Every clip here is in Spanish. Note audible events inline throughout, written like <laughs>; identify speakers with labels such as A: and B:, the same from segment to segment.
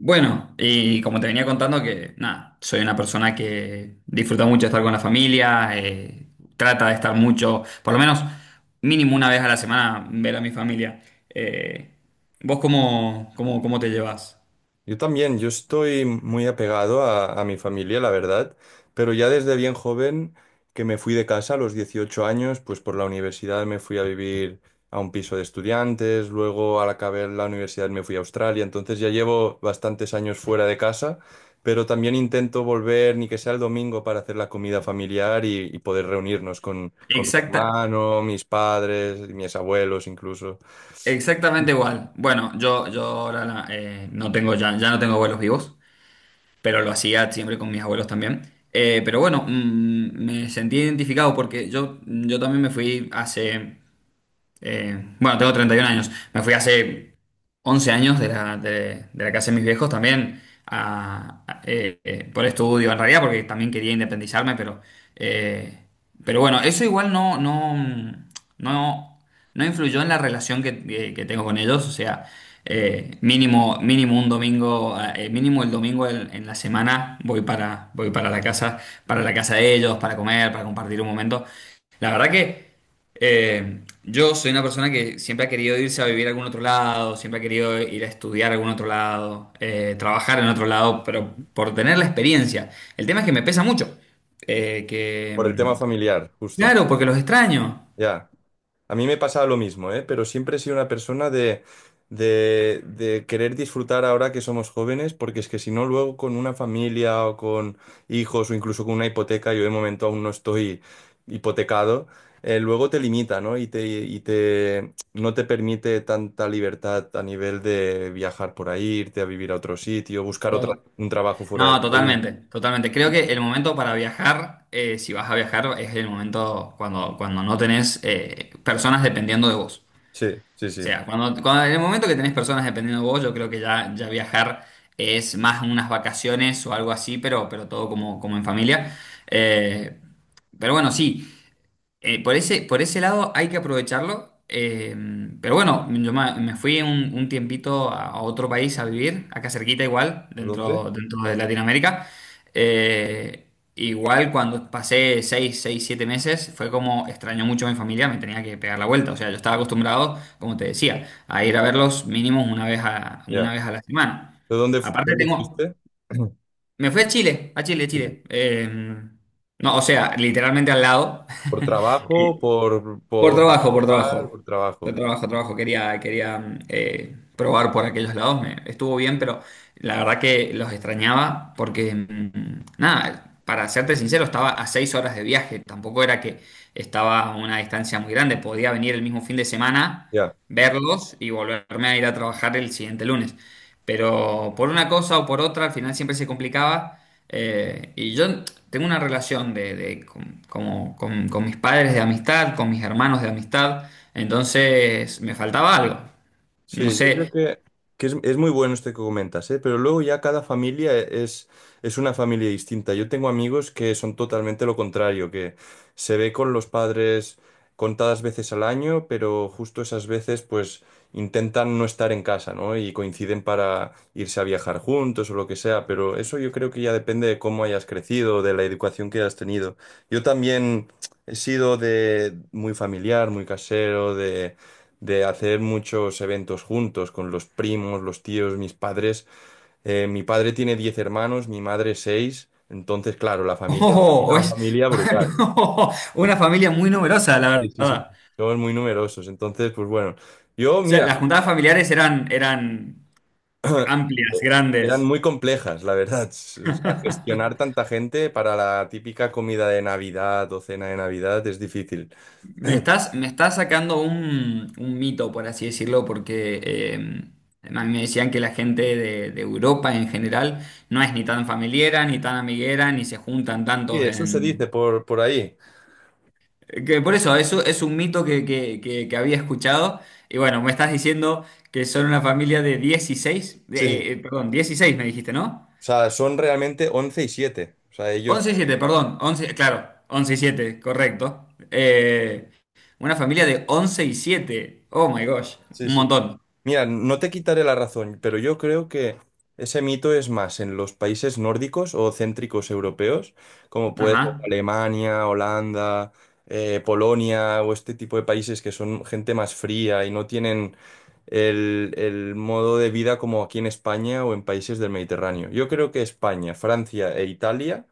A: Bueno, y como te venía contando nada, soy una persona que disfruta mucho estar con la familia, trata de estar mucho, por lo menos mínimo una vez a la semana, ver a mi familia. Eh, ¿Vos cómo te llevas?
B: Yo también, yo estoy muy apegado a mi familia, la verdad, pero ya desde bien joven que me fui de casa a los 18 años, pues por la universidad me fui a vivir a un piso de estudiantes, luego al acabar la universidad me fui a Australia, entonces ya llevo bastantes años fuera de casa, pero también intento volver, ni que sea el domingo, para hacer la comida familiar y poder reunirnos con mi
A: Exacta,
B: hermano, mis padres, mis abuelos incluso.
A: exactamente igual. Bueno, no tengo ya no tengo abuelos vivos, pero lo hacía siempre con mis abuelos también. Me sentí identificado porque yo también me fui hace bueno, tengo 31 años. Me fui hace 11 años de de la casa de mis viejos también por estudio, en realidad, porque también quería independizarme, eh, pero bueno, eso igual no, no influyó en la relación que tengo con ellos. O sea, mínimo un domingo, mínimo el domingo en la semana voy para, voy para la casa de ellos, para comer, para compartir un momento. La verdad que yo soy una persona que siempre ha querido irse a vivir a algún otro lado, siempre ha querido ir a estudiar a algún otro lado, trabajar en otro lado, pero
B: Ujú.
A: por tener la experiencia. El tema es que me pesa mucho. eh, que,
B: Por el tema
A: mm,
B: familiar, justo,
A: claro, porque los extraño.
B: ya. A mí me pasaba lo mismo, ¿eh? Pero siempre he sido una persona de, de querer disfrutar ahora que somos jóvenes, porque es que si no, luego con una familia o con hijos o incluso con una hipoteca, yo de momento aún no estoy hipotecado. Luego te limita, ¿no? Y te, no te permite tanta libertad a nivel de viajar por ahí, irte a vivir a otro sitio, buscar otra,
A: No,
B: un trabajo fuera del
A: no,
B: país.
A: totalmente, totalmente. Creo que el momento para viajar, si vas a viajar, es el momento cuando no tenés personas dependiendo de vos.
B: Sí, sí,
A: O
B: sí.
A: sea, en el momento que tenés personas dependiendo de vos, yo creo que ya viajar es más unas vacaciones o algo así, pero todo como en familia. Eh, pero bueno, sí. Por por ese lado hay que aprovecharlo. Pero bueno, me fui un tiempito a otro país a vivir, acá cerquita igual,
B: ¿Dónde?
A: dentro de Latinoamérica. Eh, Igual cuando pasé seis 7 meses, fue como extraño mucho a mi familia, me tenía que pegar la vuelta. O sea, yo estaba acostumbrado, como te decía, a ir a verlos mínimo una vez
B: Ya.
A: una vez a la semana.
B: ¿De dónde,
A: Aparte
B: dónde
A: tengo...
B: fuiste?
A: Me fui a Chile, Chile.
B: <clears throat>
A: No, o sea, literalmente al lado.
B: Por trabajo,
A: <laughs> Por trabajo, por trabajo.
B: por
A: Por
B: trabajo.
A: trabajo. Quería probar por aquellos lados. Estuvo bien, pero la verdad que los extrañaba nada, para serte sincero, estaba a seis horas de viaje. Tampoco era que estaba a una distancia muy grande. Podía venir el mismo fin de semana,
B: Ya.
A: verlos y volverme a ir a trabajar el siguiente lunes. Pero por una cosa o por otra, al final siempre se complicaba. Y yo tengo una relación con mis padres de amistad, con mis hermanos de amistad. Entonces me faltaba algo. No
B: Sí, yo creo
A: sé. <laughs>
B: que es muy bueno esto que comentas, ¿eh? Pero luego ya cada familia es una familia distinta. Yo tengo amigos que son totalmente lo contrario, que se ve con los padres contadas veces al año, pero justo esas veces pues intentan no estar en casa, ¿no? Y coinciden para irse a viajar juntos o lo que sea, pero eso yo creo que ya depende de cómo hayas crecido, de la educación que hayas tenido. Yo también he sido de muy familiar, muy casero, de hacer muchos eventos juntos con los primos, los tíos, mis padres. Mi padre tiene 10 hermanos, mi madre seis, entonces, claro, la familia es
A: Oh, o
B: una
A: es
B: familia brutal.
A: <laughs> una familia muy numerosa, la
B: Sí, sí, sí.
A: verdad.
B: Somos muy numerosos, entonces, pues bueno, yo,
A: O sea,
B: mira,
A: las juntadas familiares eran amplias,
B: eh, eran
A: grandes.
B: muy complejas, la verdad. <laughs> O sea, gestionar tanta gente para la típica comida de Navidad o cena de Navidad es difícil.
A: Me estás sacando un mito, por así decirlo, porque a mí me decían que la gente de Europa en general no es ni tan familiera, ni tan amiguera, ni se juntan
B: Sí,
A: tantos
B: eso se
A: en...
B: dice por ahí.
A: Eso es un mito que había escuchado. Y bueno, me estás diciendo que son una familia de 16 de,
B: Sí, sí.
A: perdón, 16 me dijiste, ¿no?
B: O sea, son realmente 11 y siete. O sea, ellos...
A: Once y siete, perdón, 11 claro, 11 y 7 correcto. Una familia de 11 y siete, oh my gosh,
B: Sí,
A: un
B: sí.
A: montón.
B: Mira, no te quitaré la razón, pero yo creo que ese mito es más en los países nórdicos o céntricos europeos, como puede ser
A: Ajá,
B: Alemania, Holanda, Polonia o este tipo de países que son gente más fría y no tienen el modo de vida como aquí en España o en países del Mediterráneo. Yo creo que España, Francia e Italia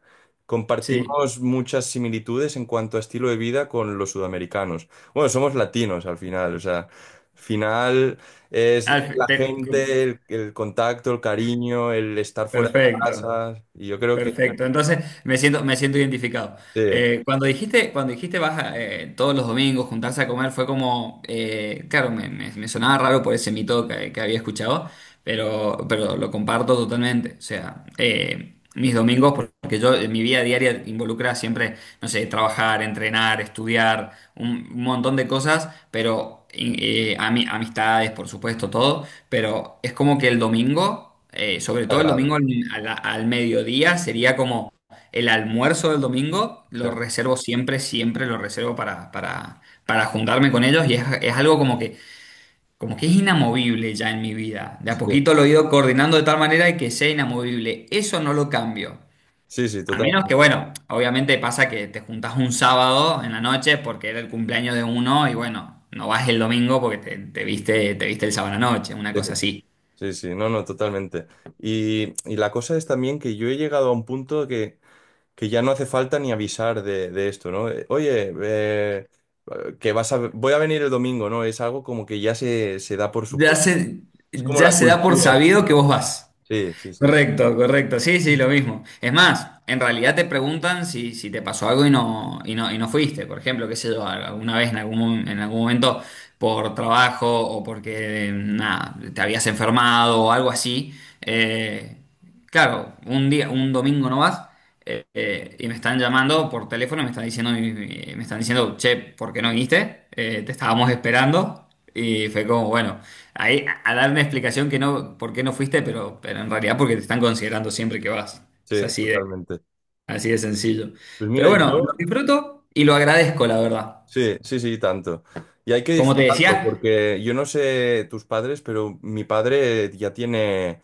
A: sí.
B: compartimos muchas similitudes en cuanto a estilo de vida con los sudamericanos. Bueno, somos latinos al final, o sea, al final... Es
A: Al-
B: la
A: te-
B: gente, el contacto, el cariño, el estar fuera de
A: Perfecto,
B: casa. Y yo creo que
A: perfecto. Entonces me siento identificado.
B: sí,
A: Cuando dijiste vas a, todos los domingos juntarse a comer, fue como, claro, me sonaba raro por ese mito que había escuchado, pero lo comparto totalmente. O sea, mis domingos, porque yo en mi vida diaria involucra siempre no sé, trabajar, entrenar, estudiar, un montón de cosas, pero amistades, por supuesto, todo, pero es como que el domingo, sobre todo el domingo
B: sagrado.
A: al mediodía, sería como el almuerzo del domingo, lo
B: Exacto.
A: reservo siempre, siempre lo reservo para juntarme con ellos y es algo como como que es inamovible ya en mi vida. De a
B: Sí,
A: poquito lo he ido coordinando de tal manera de que sea inamovible. Eso no lo cambio.
B: sí, sí,
A: A menos que,
B: totalmente.
A: bueno, obviamente pasa que te juntas un sábado en la noche porque era el cumpleaños de uno y bueno, no vas el domingo porque te viste el sábado a la noche, una
B: Sí,
A: cosa así.
B: sí, sí, no, no, totalmente. Y la cosa es también que yo he llegado a un punto que ya no hace falta ni avisar de esto, ¿no? Oye, que vas a, voy a venir el domingo, ¿no? Es algo como que ya se da por
A: Ya
B: supuesto.
A: se,
B: Es como
A: ya
B: la
A: se da por
B: cultura.
A: sabido que vos vas.
B: Sí, sí, sí,
A: Correcto, correcto, sí, sí, lo mismo. Es más, en realidad te preguntan si te pasó algo y no fuiste. Por ejemplo, qué sé yo, alguna vez en en algún momento por trabajo o porque, nada, te habías enfermado o algo así. eh, Claro, un día, un domingo nomás, y me están llamando por teléfono, y me están me están diciendo, che, ¿por qué no viniste? Te estábamos esperando. Y fue como, bueno, ahí a dar una explicación que no, por qué no fuiste, pero en realidad porque te están considerando siempre que vas. Es
B: sí,
A: así
B: totalmente.
A: así de sencillo.
B: Pues
A: Pero
B: mira,
A: bueno, lo
B: yo...
A: disfruto y lo agradezco, la verdad.
B: Sí, sí, sí, tanto. Y hay que
A: Como te
B: disfrutarlo,
A: decía,
B: porque yo no sé tus padres, pero mi padre ya tiene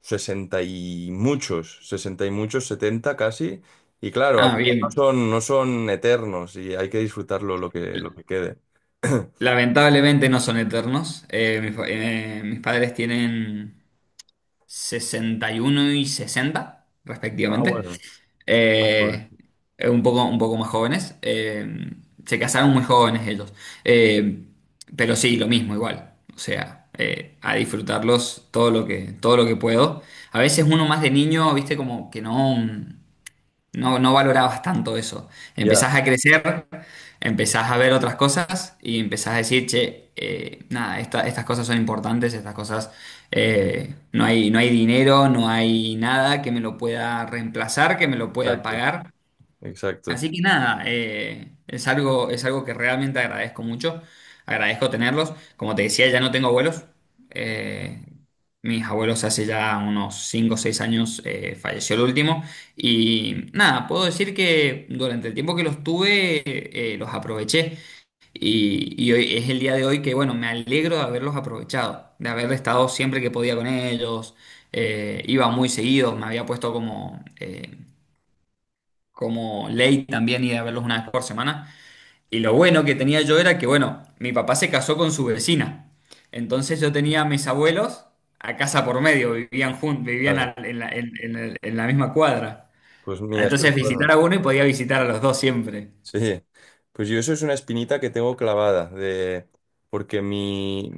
B: 60 y muchos, 70 casi. Y claro, al
A: ah,
B: final no
A: bien,
B: son, no son eternos y hay que disfrutarlo lo que quede. <clears throat>
A: lamentablemente no son eternos. Mis padres tienen sesenta y sesenta,
B: Ah,
A: respectivamente.
B: bueno. Ah, pues,
A: Eh, un poco más jóvenes. Se casaron muy jóvenes ellos. Eh, pero sí, lo mismo, igual. O sea, a disfrutarlos todo lo todo lo que puedo. A veces uno más de niño, viste, como que no. No valorabas tanto eso.
B: ya,
A: Empezás a crecer, empezás a ver otras cosas y empezás a decir, che, nada, estas cosas son importantes, estas cosas, no no hay dinero, no hay nada que me lo pueda reemplazar, que me lo pueda
B: exacto,
A: pagar.
B: exacto.
A: Así que nada, es es algo que realmente agradezco mucho. Agradezco tenerlos. Como te decía, ya no tengo abuelos. Eh, Mis abuelos hace ya unos 5 o seis años falleció el último. Y nada, puedo decir que durante el tiempo que los tuve, los aproveché. Y hoy es el día de hoy que, bueno, me alegro de haberlos aprovechado, de haber estado siempre que podía con ellos. Iba muy seguido, me había puesto como... como ley también ir a verlos una vez por semana. Y lo bueno que tenía yo era que, bueno, mi papá se casó con su vecina. Entonces yo tenía a mis abuelos a casa por medio, vivían juntos, vivían
B: Vale,
A: al- en la, en el- en la misma cuadra.
B: pues mira, eso es
A: Entonces
B: bueno.
A: visitar a uno y podía visitar a los dos siempre.
B: Sí, pues yo eso es una espinita que tengo clavada, porque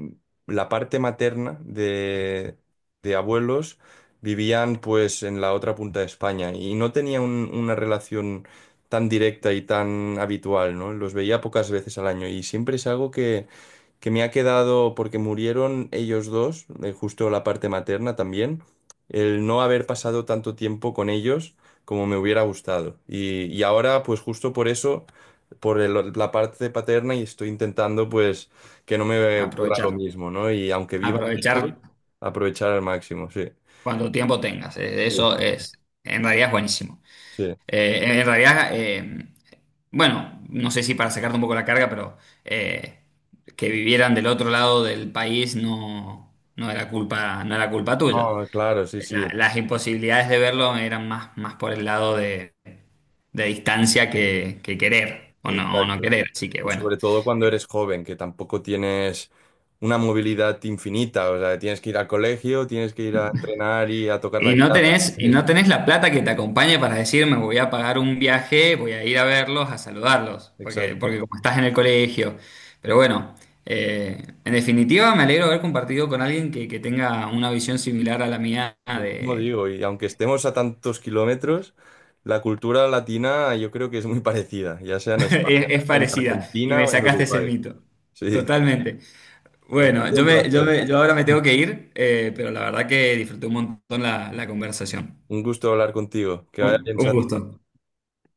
B: la parte materna de, abuelos vivían pues en la otra punta de España y no tenía una relación tan directa y tan habitual, ¿no? Los veía pocas veces al año y siempre es algo que me ha quedado, porque murieron ellos dos, justo la parte materna también, el no haber pasado tanto tiempo con ellos como me hubiera gustado. Y ahora, pues justo por eso, por la parte paterna, y estoy intentando, pues, que no me ocurra
A: Aprovechar,
B: lo mismo, ¿no? Y aunque viva
A: aprovechar
B: lejos, aprovechar al máximo, sí.
A: cuando tiempo tengas. Eso
B: Sí,
A: en realidad es buenísimo.
B: sí.
A: Eh, en realidad, eh, bueno, no sé si para sacarte un poco la carga, pero eh, que vivieran del otro lado del país no era culpa, no era culpa tuya.
B: Ah, claro, sí, sí,
A: Las imposibilidades de verlo eran más por el lado de distancia que querer o no
B: exacto.
A: querer. Así que
B: Y
A: bueno,
B: sobre todo cuando eres joven, que tampoco tienes una movilidad infinita, o sea, tienes que ir al colegio, tienes que ir a entrenar y a tocar la guitarra.
A: Y
B: <laughs>
A: no tenés la plata que te acompañe para decir, me voy a pagar un viaje, voy a ir a verlos, a saludarlos,
B: Sí, exacto.
A: porque como estás en el colegio. Pero bueno, en definitiva me alegro de haber compartido con alguien que tenga una visión similar a la mía
B: Lo mismo
A: de...
B: digo, y aunque estemos a tantos kilómetros, la cultura latina yo creo que es muy <laughs> parecida, ya sea
A: <laughs>
B: en España,
A: es
B: en
A: parecida, y
B: Argentina
A: me
B: o en
A: sacaste ese
B: Uruguay.
A: mito.
B: Sí,
A: Totalmente.
B: pues ha
A: Bueno,
B: sido un placer.
A: yo ahora me tengo que ir, pero la verdad que disfruté un montón la conversación.
B: Un gusto hablar contigo. Que vaya bien,
A: Un
B: Santi.
A: gusto.